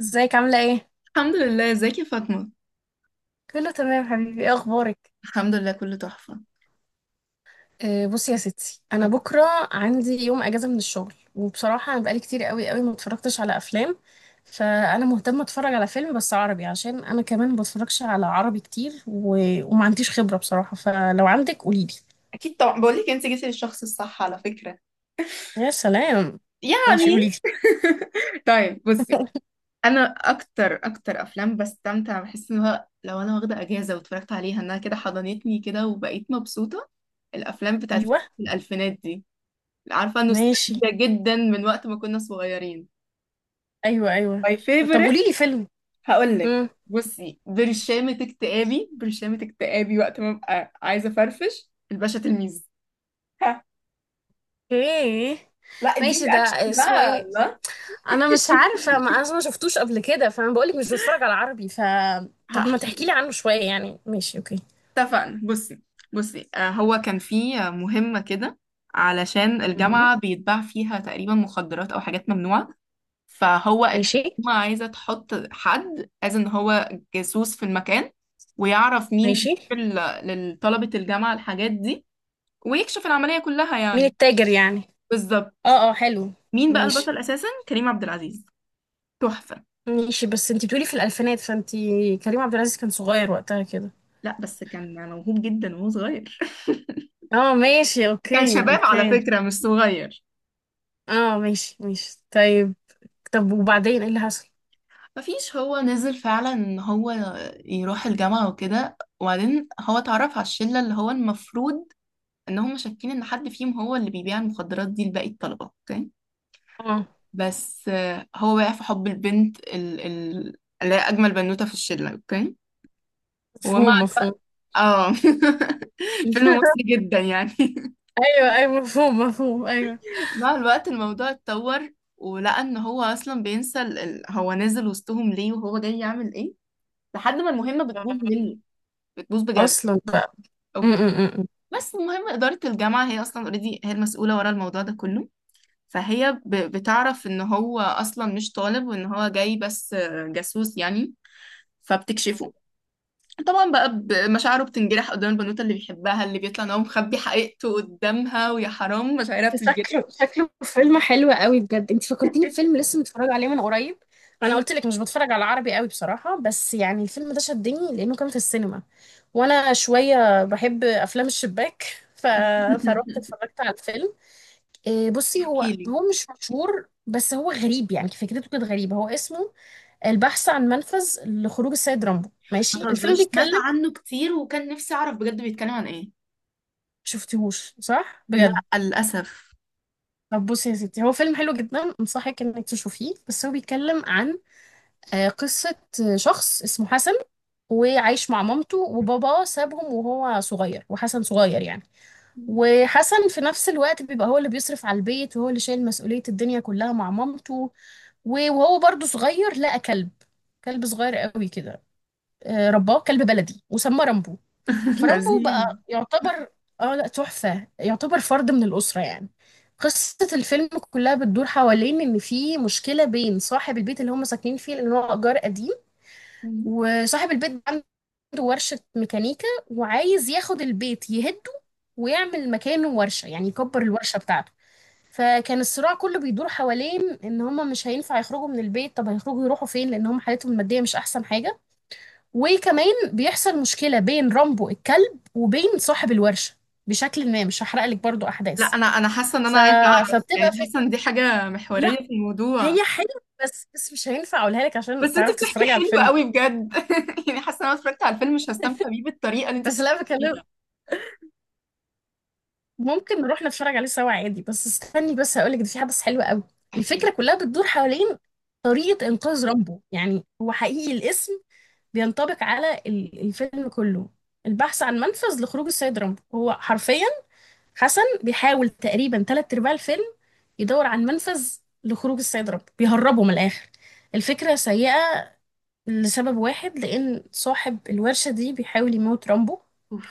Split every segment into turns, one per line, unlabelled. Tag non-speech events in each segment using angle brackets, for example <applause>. ازيك عاملة ايه؟
الحمد لله، ازيك يا فاطمة؟
كله تمام حبيبي، ايه اخبارك؟
الحمد لله، كله تحفة.
بصي يا ستي، انا
قولي.
بكرة عندي يوم اجازة من الشغل، وبصراحة انا بقالي كتير قوي قوي ما اتفرجتش على افلام. فانا مهتمة اتفرج على فيلم بس عربي، عشان انا كمان ما بتفرجش على عربي كتير وما عنديش خبرة بصراحة، فلو عندك قوليلي.
اكيد طبعا بقول لك انت جيتي للشخص الصح على فكره.
يا سلام. ماشي
يعني.
قوليلي.
<laughs> طيب، بصي.
<laughs>
انا اكتر اكتر افلام بستمتع، بحس ان هو لو انا واخدة اجازة واتفرجت عليها انها كده حضنتني كده وبقيت مبسوطة، الافلام بتاعت فترة
ايوه،
الالفينات دي. عارفة،
ماشي،
نوستالجيا جدا من وقت ما كنا صغيرين.
ايوه ايوه.
my
طب
favorite.
قوليلي فيلم.
هقولك.
امم.
بصي، برشامة اكتئابي، برشامة اكتئابي وقت ما ببقى عايزة افرفش، الباشا تلميذ. ها.
ايه.
لا دي
ماشي ده.
اكشن
اسمه
بقى،
ايه؟
لا.
انا مش عارفه، ما انا ما شفتوش قبل كده، فانا بقولك مش بتفرج على عربي، طب ما
هحكي
تحكي
لك.
لي عنه شويه يعني. ماشي اوكي.
اتفقنا، بصي. بصي هو كان في مهمة كده علشان
مهم.
الجامعة بيتباع فيها تقريبا مخدرات أو حاجات ممنوعة. فهو
ماشي
الحكومة عايزة تحط حد از ان هو جاسوس في المكان، ويعرف مين بيجيب
ماشي.
لطلبة الجامعة الحاجات دي، ويكشف العملية كلها
مين
يعني.
التاجر يعني؟
بالظبط.
اه اه حلو.
مين بقى
ماشي
البطل أساسا؟ كريم عبد العزيز. تحفة.
ماشي. بس انتي بتقولي في الالفينات، فانتي كريم عبد العزيز كان صغير وقتها كده؟
لا بس كان موهوب جدا وهو صغير.
اه ماشي
كان
اوكي
شباب على
اوكي.
فكرة، مش صغير.
اه ماشي ماشي طيب. طب وبعدين ايه اللي حصل؟
مفيش، هو نزل فعلا ان هو يروح الجامعة وكده، وبعدين هو اتعرف على الشلة اللي هو المفروض ان هم شاكين ان حد فيهم هو اللي بيبيع المخدرات دي لباقي الطلبة. اوكي.
اه
بس هو وقع في حب البنت اللي هي اجمل بنوتة في الشلة. اوكي. ومع
مفهوم مفهوم.
الوقت، اه. <laughs> فيلم مصري
<laughs>
جدا يعني.
ايوه ايوه مفهوم مفهوم ايوه.
<laughs> مع الوقت الموضوع اتطور، ولقى ان هو اصلا بينسى هو نازل وسطهم ليه وهو جاي يعمل ايه، لحد ما المهمة بتبوظ منه، بتبوظ بجد.
اصلا بقى. م
اوكي.
-م -م.
بس المهم إدارة الجامعة هي أصلا اوريدي هي المسؤولة ورا الموضوع ده كله. فهي بتعرف إن هو أصلا مش طالب، وإن هو جاي بس جاسوس يعني، فبتكشفه. طبعا بقى مشاعره بتنجرح قدام البنوتة اللي بيحبها، اللي بيطلع إن هو مخبي حقيقته قدامها، ويا حرام مشاعرها
شكله
بتنجرح.
شكله فيلم حلو قوي بجد، انت فكرتيني بفيلم لسه متفرجه عليه من قريب. انا
ايه؟
قلت لك مش بتفرج على عربي قوي بصراحه، بس يعني الفيلم ده شدني لانه كان في السينما، وانا شويه بحب افلام الشباك، ف... فروحت
<laughs>
اتفرجت على الفيلم. إيه، بصي، هو
احكيلي.
هو مش مشهور، بس هو غريب يعني، فكرته كانت غريبه. هو اسمه البحث عن منفذ لخروج السيد رامبو.
ما
ماشي الفيلم
تهزريش، سمعت
بيتكلم.
عنه كتير وكان نفسي أعرف بجد بيتكلم عن إيه.
شفتيهوش صح
لا،
بجد؟
للأسف.
طب بصي يا ستي، هو فيلم حلو جدا، انصحك انك تشوفيه، بس هو بيتكلم عن قصة شخص اسمه حسن، وعايش مع مامته، وباباه سابهم وهو صغير، وحسن صغير يعني. وحسن في نفس الوقت بيبقى هو اللي بيصرف على البيت، وهو اللي شايل مسؤولية الدنيا كلها مع مامته. وهو برضه صغير لقى كلب، كلب صغير قوي كده. رباه كلب بلدي وسماه رامبو.
<laughs>
فرامبو
لذيذ.
بقى يعتبر... اه لا، تحفة، يعتبر فرد من الأسرة يعني. قصة الفيلم كلها بتدور حوالين إن في مشكلة بين صاحب البيت اللي هم ساكنين فيه، لأن هو إيجار قديم، وصاحب البيت عنده ورشة ميكانيكا وعايز ياخد البيت يهده، ويعمل مكانه ورشة، يعني يكبر الورشة بتاعته. فكان الصراع كله بيدور حوالين ان هما مش هينفع يخرجوا من البيت، طب هيخرجوا يروحوا فين، لان هما حالتهم المادية مش احسن حاجة. وكمان بيحصل مشكلة بين رامبو الكلب وبين صاحب الورشة، بشكل ما. مش هحرق لك برضو
لا،
احداث،
انا حاسه ان انا
ف...
عايزه اعرف، يعني
فبتبقى في.
حاسه ان دي حاجه محوريه
لا،
في الموضوع.
هي حلوة بس مش هينفع اقولها لك عشان
بس انت
تعرف
بتحكي
تتفرجي على
حلو
الفيلم.
قوي بجد، <laughs> يعني حاسه ان انا اتفرجت على الفيلم مش هستمتع بيه بالطريقه اللي انت
بس
بتحكي
لا بكلمك،
بيها.
ممكن نروح نتفرج عليه سوا عادي، بس استني بس هقولك ده في حدث حلو قوي.
احكي لي.
الفكرة كلها بتدور حوالين طريقة إنقاذ رامبو، يعني هو حقيقي الاسم بينطبق على الفيلم كله، البحث عن منفذ لخروج السيد رامبو. هو حرفيا حسن بيحاول تقريبا تلات أرباع الفيلم يدور عن منفذ لخروج السيد رامبو، بيهربه من الآخر. الفكرة سيئة لسبب واحد، لأن صاحب الورشة دي بيحاول يموت رامبو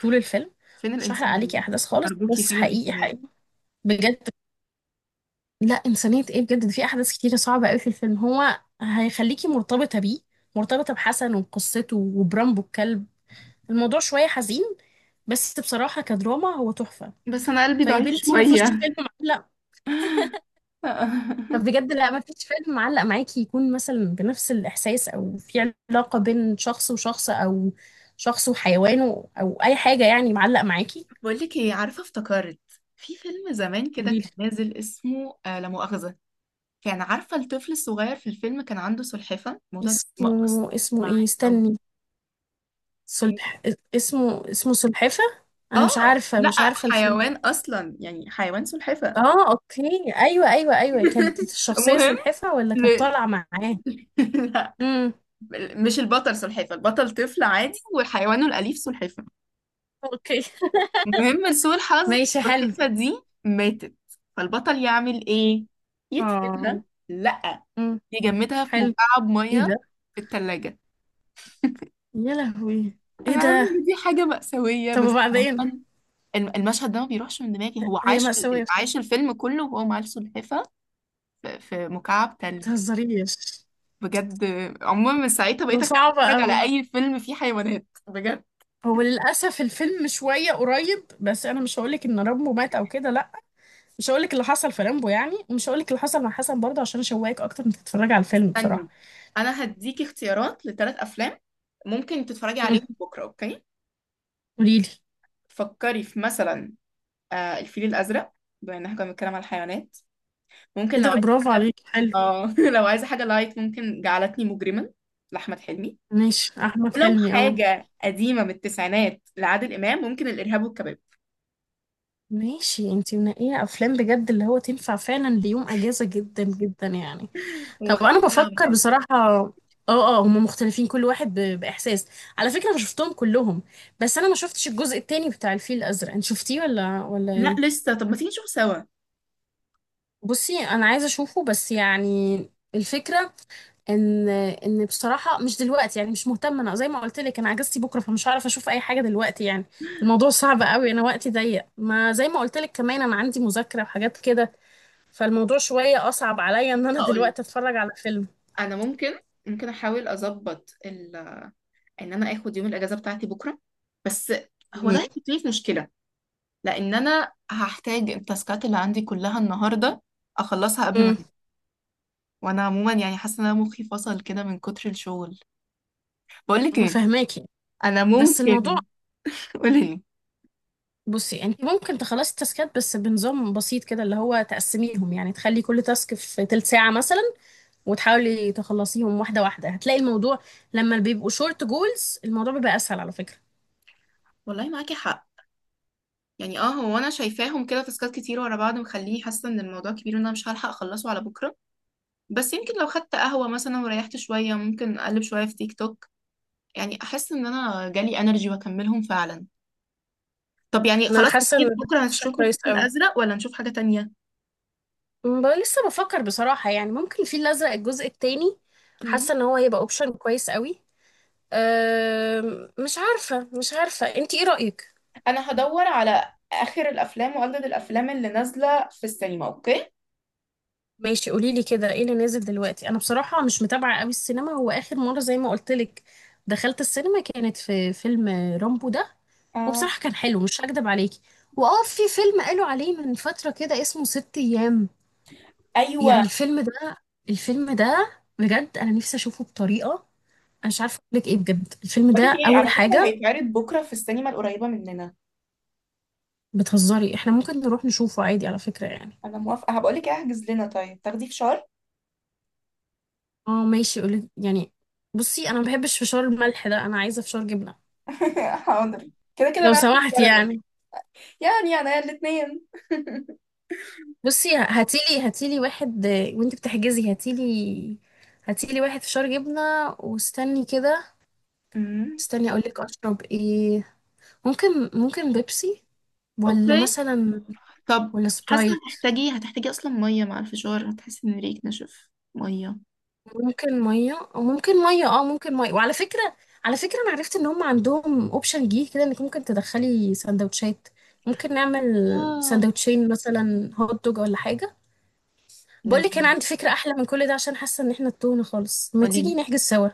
طول الفيلم.
فين
مش هحرق عليكي
الانسانيه؟
أحداث خالص،
ارجوكي،
بس
فين
حقيقي
الانسانيه؟
حقيقي بجد. لا إنسانية إيه، بجد ده في أحداث كتيرة صعبة أوي في الفيلم، هو هيخليكي مرتبطة بيه، مرتبطة بحسن وقصته وبرامبو الكلب. الموضوع شوية حزين، بس بصراحة كدراما هو تحفة.
بس انا قلبي
طيب
ضعيف
انتي مفيش
شويه.
فيلم معلق؟ طب
<laughs>
بجد لا، مفيش فيلم معلق معاكي، يكون مثلا بنفس الإحساس، أو في علاقة بين شخص وشخص، أو شخص وحيوانه، أو أي حاجة يعني معلق معاكي.
بقول لك ايه، عارفه افتكرت، في فيلم زمان كده
قوليلي.
كان نازل اسمه آه لا مؤاخذه. كان، عارفه، الطفل الصغير في الفيلم كان عنده سلحفه، الموضوع ده
اسمه
مقص
اسمه
معاه
إيه؟
قوي.
استني. سلح اسمه سلحفة. أنا مش
اه
عارفة
لا،
مش عارفة الفيلم.
حيوان اصلا يعني، حيوان سلحفة.
اه اوكي، ايوه ايوه ايوه، كانت
<laughs>
الشخصية
المهم،
سلحفة ولا كانت
ل...
طالعة معاه؟
<laughs> لا،
امم.
مش البطل سلحفة، البطل طفل عادي وحيوانه الأليف سلحفة.
اوكي.
المهم لسوء الحظ،
ماشي حلو.
السلحفة دي ماتت. فالبطل يعمل ايه؟
اه.
يدفنها؟ لا،
امم.
يجمدها في
حلو.
مكعب
ايه ده؟
مية، في التلاجة.
يا لهوي، ايه
انا عارفة
ده؟
ان دي حاجة مأساوية
طب
بس
وبعدين؟
عموماً المشهد ده ما بيروحش من دماغي. هو
هي
عاش،
مأساوية بصراحة.
عاش الفيلم كله وهو مع السلحفة، في مكعب
ما
تلج
تهزريش.
بجد. عموما من ساعتها
ده
بقيت اخاف
صعب
اتفرج
قوي.
على اي فيلم فيه حيوانات بجد.
هو للأسف الفيلم شوية قريب، بس أنا مش هقولك إن رامبو مات أو كده، لأ. مش هقولك اللي حصل في رامبو يعني، ومش هقولك اللي حصل مع حسن برضه، عشان أشوقك أكتر إنك تتفرجي على الفيلم بصراحة.
استني، انا هديكي اختيارات لـ3 افلام ممكن تتفرجي
امم.
عليهم بكره. اوكي.
قوليلي.
فكري في مثلا الفيل الازرق، بما ان احنا كنا بنتكلم على الحيوانات. ممكن
ايه
لو
ده،
عايزه
برافو
حاجه
عليك، حلو.
اه <laughs> لو عايزه حاجه لايت ممكن جعلتني مجرما لاحمد حلمي.
ماشي احمد
ولو
حلمي اه.
حاجه قديمه من التسعينات لعادل امام، ممكن الارهاب والكباب،
ماشي، انتي منقيه افلام بجد اللي هو تنفع فعلا ليوم اجازه، جدا جدا يعني. طب انا
ومختلفين عن
بفكر
بعض.
بصراحه اه. اه هما مختلفين، كل واحد باحساس. على فكره انا شفتهم كلهم. بس انا ما شفتش الجزء التاني بتاع الفيل الازرق، انت شفتيه ولا
لا
ايه؟
لسه، طب ما تيجي نشوف سوا.
بصي انا عايزه اشوفه بس يعني، الفكره ان بصراحه مش دلوقتي، يعني مش مهتمه. انا زي ما قلت لك انا اجازتي بكره، فمش هعرف اشوف اي حاجه دلوقتي يعني. الموضوع صعب قوي، انا وقتي ضيق ما زي ما قلت لك، كمان انا عندي مذاكره وحاجات كده، فالموضوع شويه اصعب عليا ان انا
هقول،
دلوقتي اتفرج على فيلم.
انا ممكن احاول اظبط ان انا اخد يوم الاجازه بتاعتي بكره، بس هو ده
م-
هيحطني في مشكله، لان انا هحتاج التاسكات اللي عندي كلها النهارده اخلصها قبل ما
م-
أنام. وانا عموما يعني حاسه ان انا مخي فصل كده من كتر الشغل. بقول لك
انا
ايه،
فاهماكي.
انا
بس الموضوع.
ممكن. <laughs> قولي لي.
بصي انت ممكن تخلصي التاسكات بس بنظام بسيط كده، اللي هو تقسميهم يعني، تخلي كل تاسك في تلت ساعه مثلا، وتحاولي تخلصيهم واحده واحده، هتلاقي الموضوع لما بيبقوا شورت جولز الموضوع بيبقى اسهل على فكره.
والله معاكي حق، يعني اه هو انا شايفاهم كده تاسكات كتير ورا بعض مخليني حاسه ان الموضوع كبير وان انا مش هلحق اخلصه على بكره. بس يمكن لو خدت قهوه مثلا وريحت شويه، ممكن اقلب شويه في تيك توك، يعني احس ان انا جالي انرجي واكملهم فعلا. طب يعني
انا
خلاص،
حاسه ان
اكيد
ده
بكره
اوبشن
هنشوف الفيل
كويس قوي.
الازرق ولا نشوف حاجه تانية؟
بقى لسه بفكر بصراحه يعني، ممكن الفيل الازرق الجزء التاني،
مم.
حاسه ان هو هيبقى اوبشن كويس قوي. مش عارفه مش عارفه انت ايه رايك.
انا هدور على اخر الافلام واجدد الافلام اللي نازله في السينما. اوكي.
ماشي قولي لي كده، ايه اللي نازل دلوقتي؟ انا بصراحه مش متابعه قوي السينما، هو اخر مره زي ما قلت لك دخلت السينما كانت في فيلم رامبو ده،
آه.
وبصراحه كان حلو مش هكدب عليكي. واه في فيلم قالوا عليه من فتره كده اسمه ست ايام،
ايوه،
يعني الفيلم ده الفيلم ده بجد انا نفسي اشوفه بطريقه، مش عارفه اقول لك ايه، بجد الفيلم ده
بقول لك ايه،
اول
على فكره
حاجه.
هيتعرض بكره في السينما القريبه مننا.
بتهزري؟ احنا ممكن نروح نشوفه عادي على فكره يعني.
انا موافقه، هبقول لك احجز لنا. طيب تاخدي فشار؟
اه ماشي اقول لك يعني. بصي انا ما بحبش فشار الملح ده، انا عايزه فشار جبنه
<laughs> حاضر، كده كده
لو
انا هاخد
سمحت
كراميل،
يعني.
يعني انا الاثنين.
بصي هاتيلي هاتيلي واحد، وانت بتحجزي هاتيلي هاتيلي واحد فشار جبنه. واستني كده،
<laughs>
استني اقول لك اشرب ايه. ممكن بيبسي، ولا
اوكي.
مثلا،
طب
ولا
حاسة
سبرايت؟
هتحتاجي أصلا مية مع الفشار، هتحسي إن ريقك نشف. مية.
ممكن ميه، او ممكن ميه، اه ممكن ميه. وعلى فكره، على فكره انا عرفت ان هم عندهم اوبشن جديد كده انك ممكن تدخلي سندوتشات، ممكن نعمل
اه.
سندوتشين مثلا هوت دوج ولا حاجه. بقول
لازم.
لك انا عندي فكره احلى من كل ده، عشان حاسه ان احنا تهنا خالص، ما تيجي
قوليلي.
نحجز سوا؟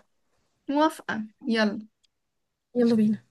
موافقة، يلا.
يلا بينا.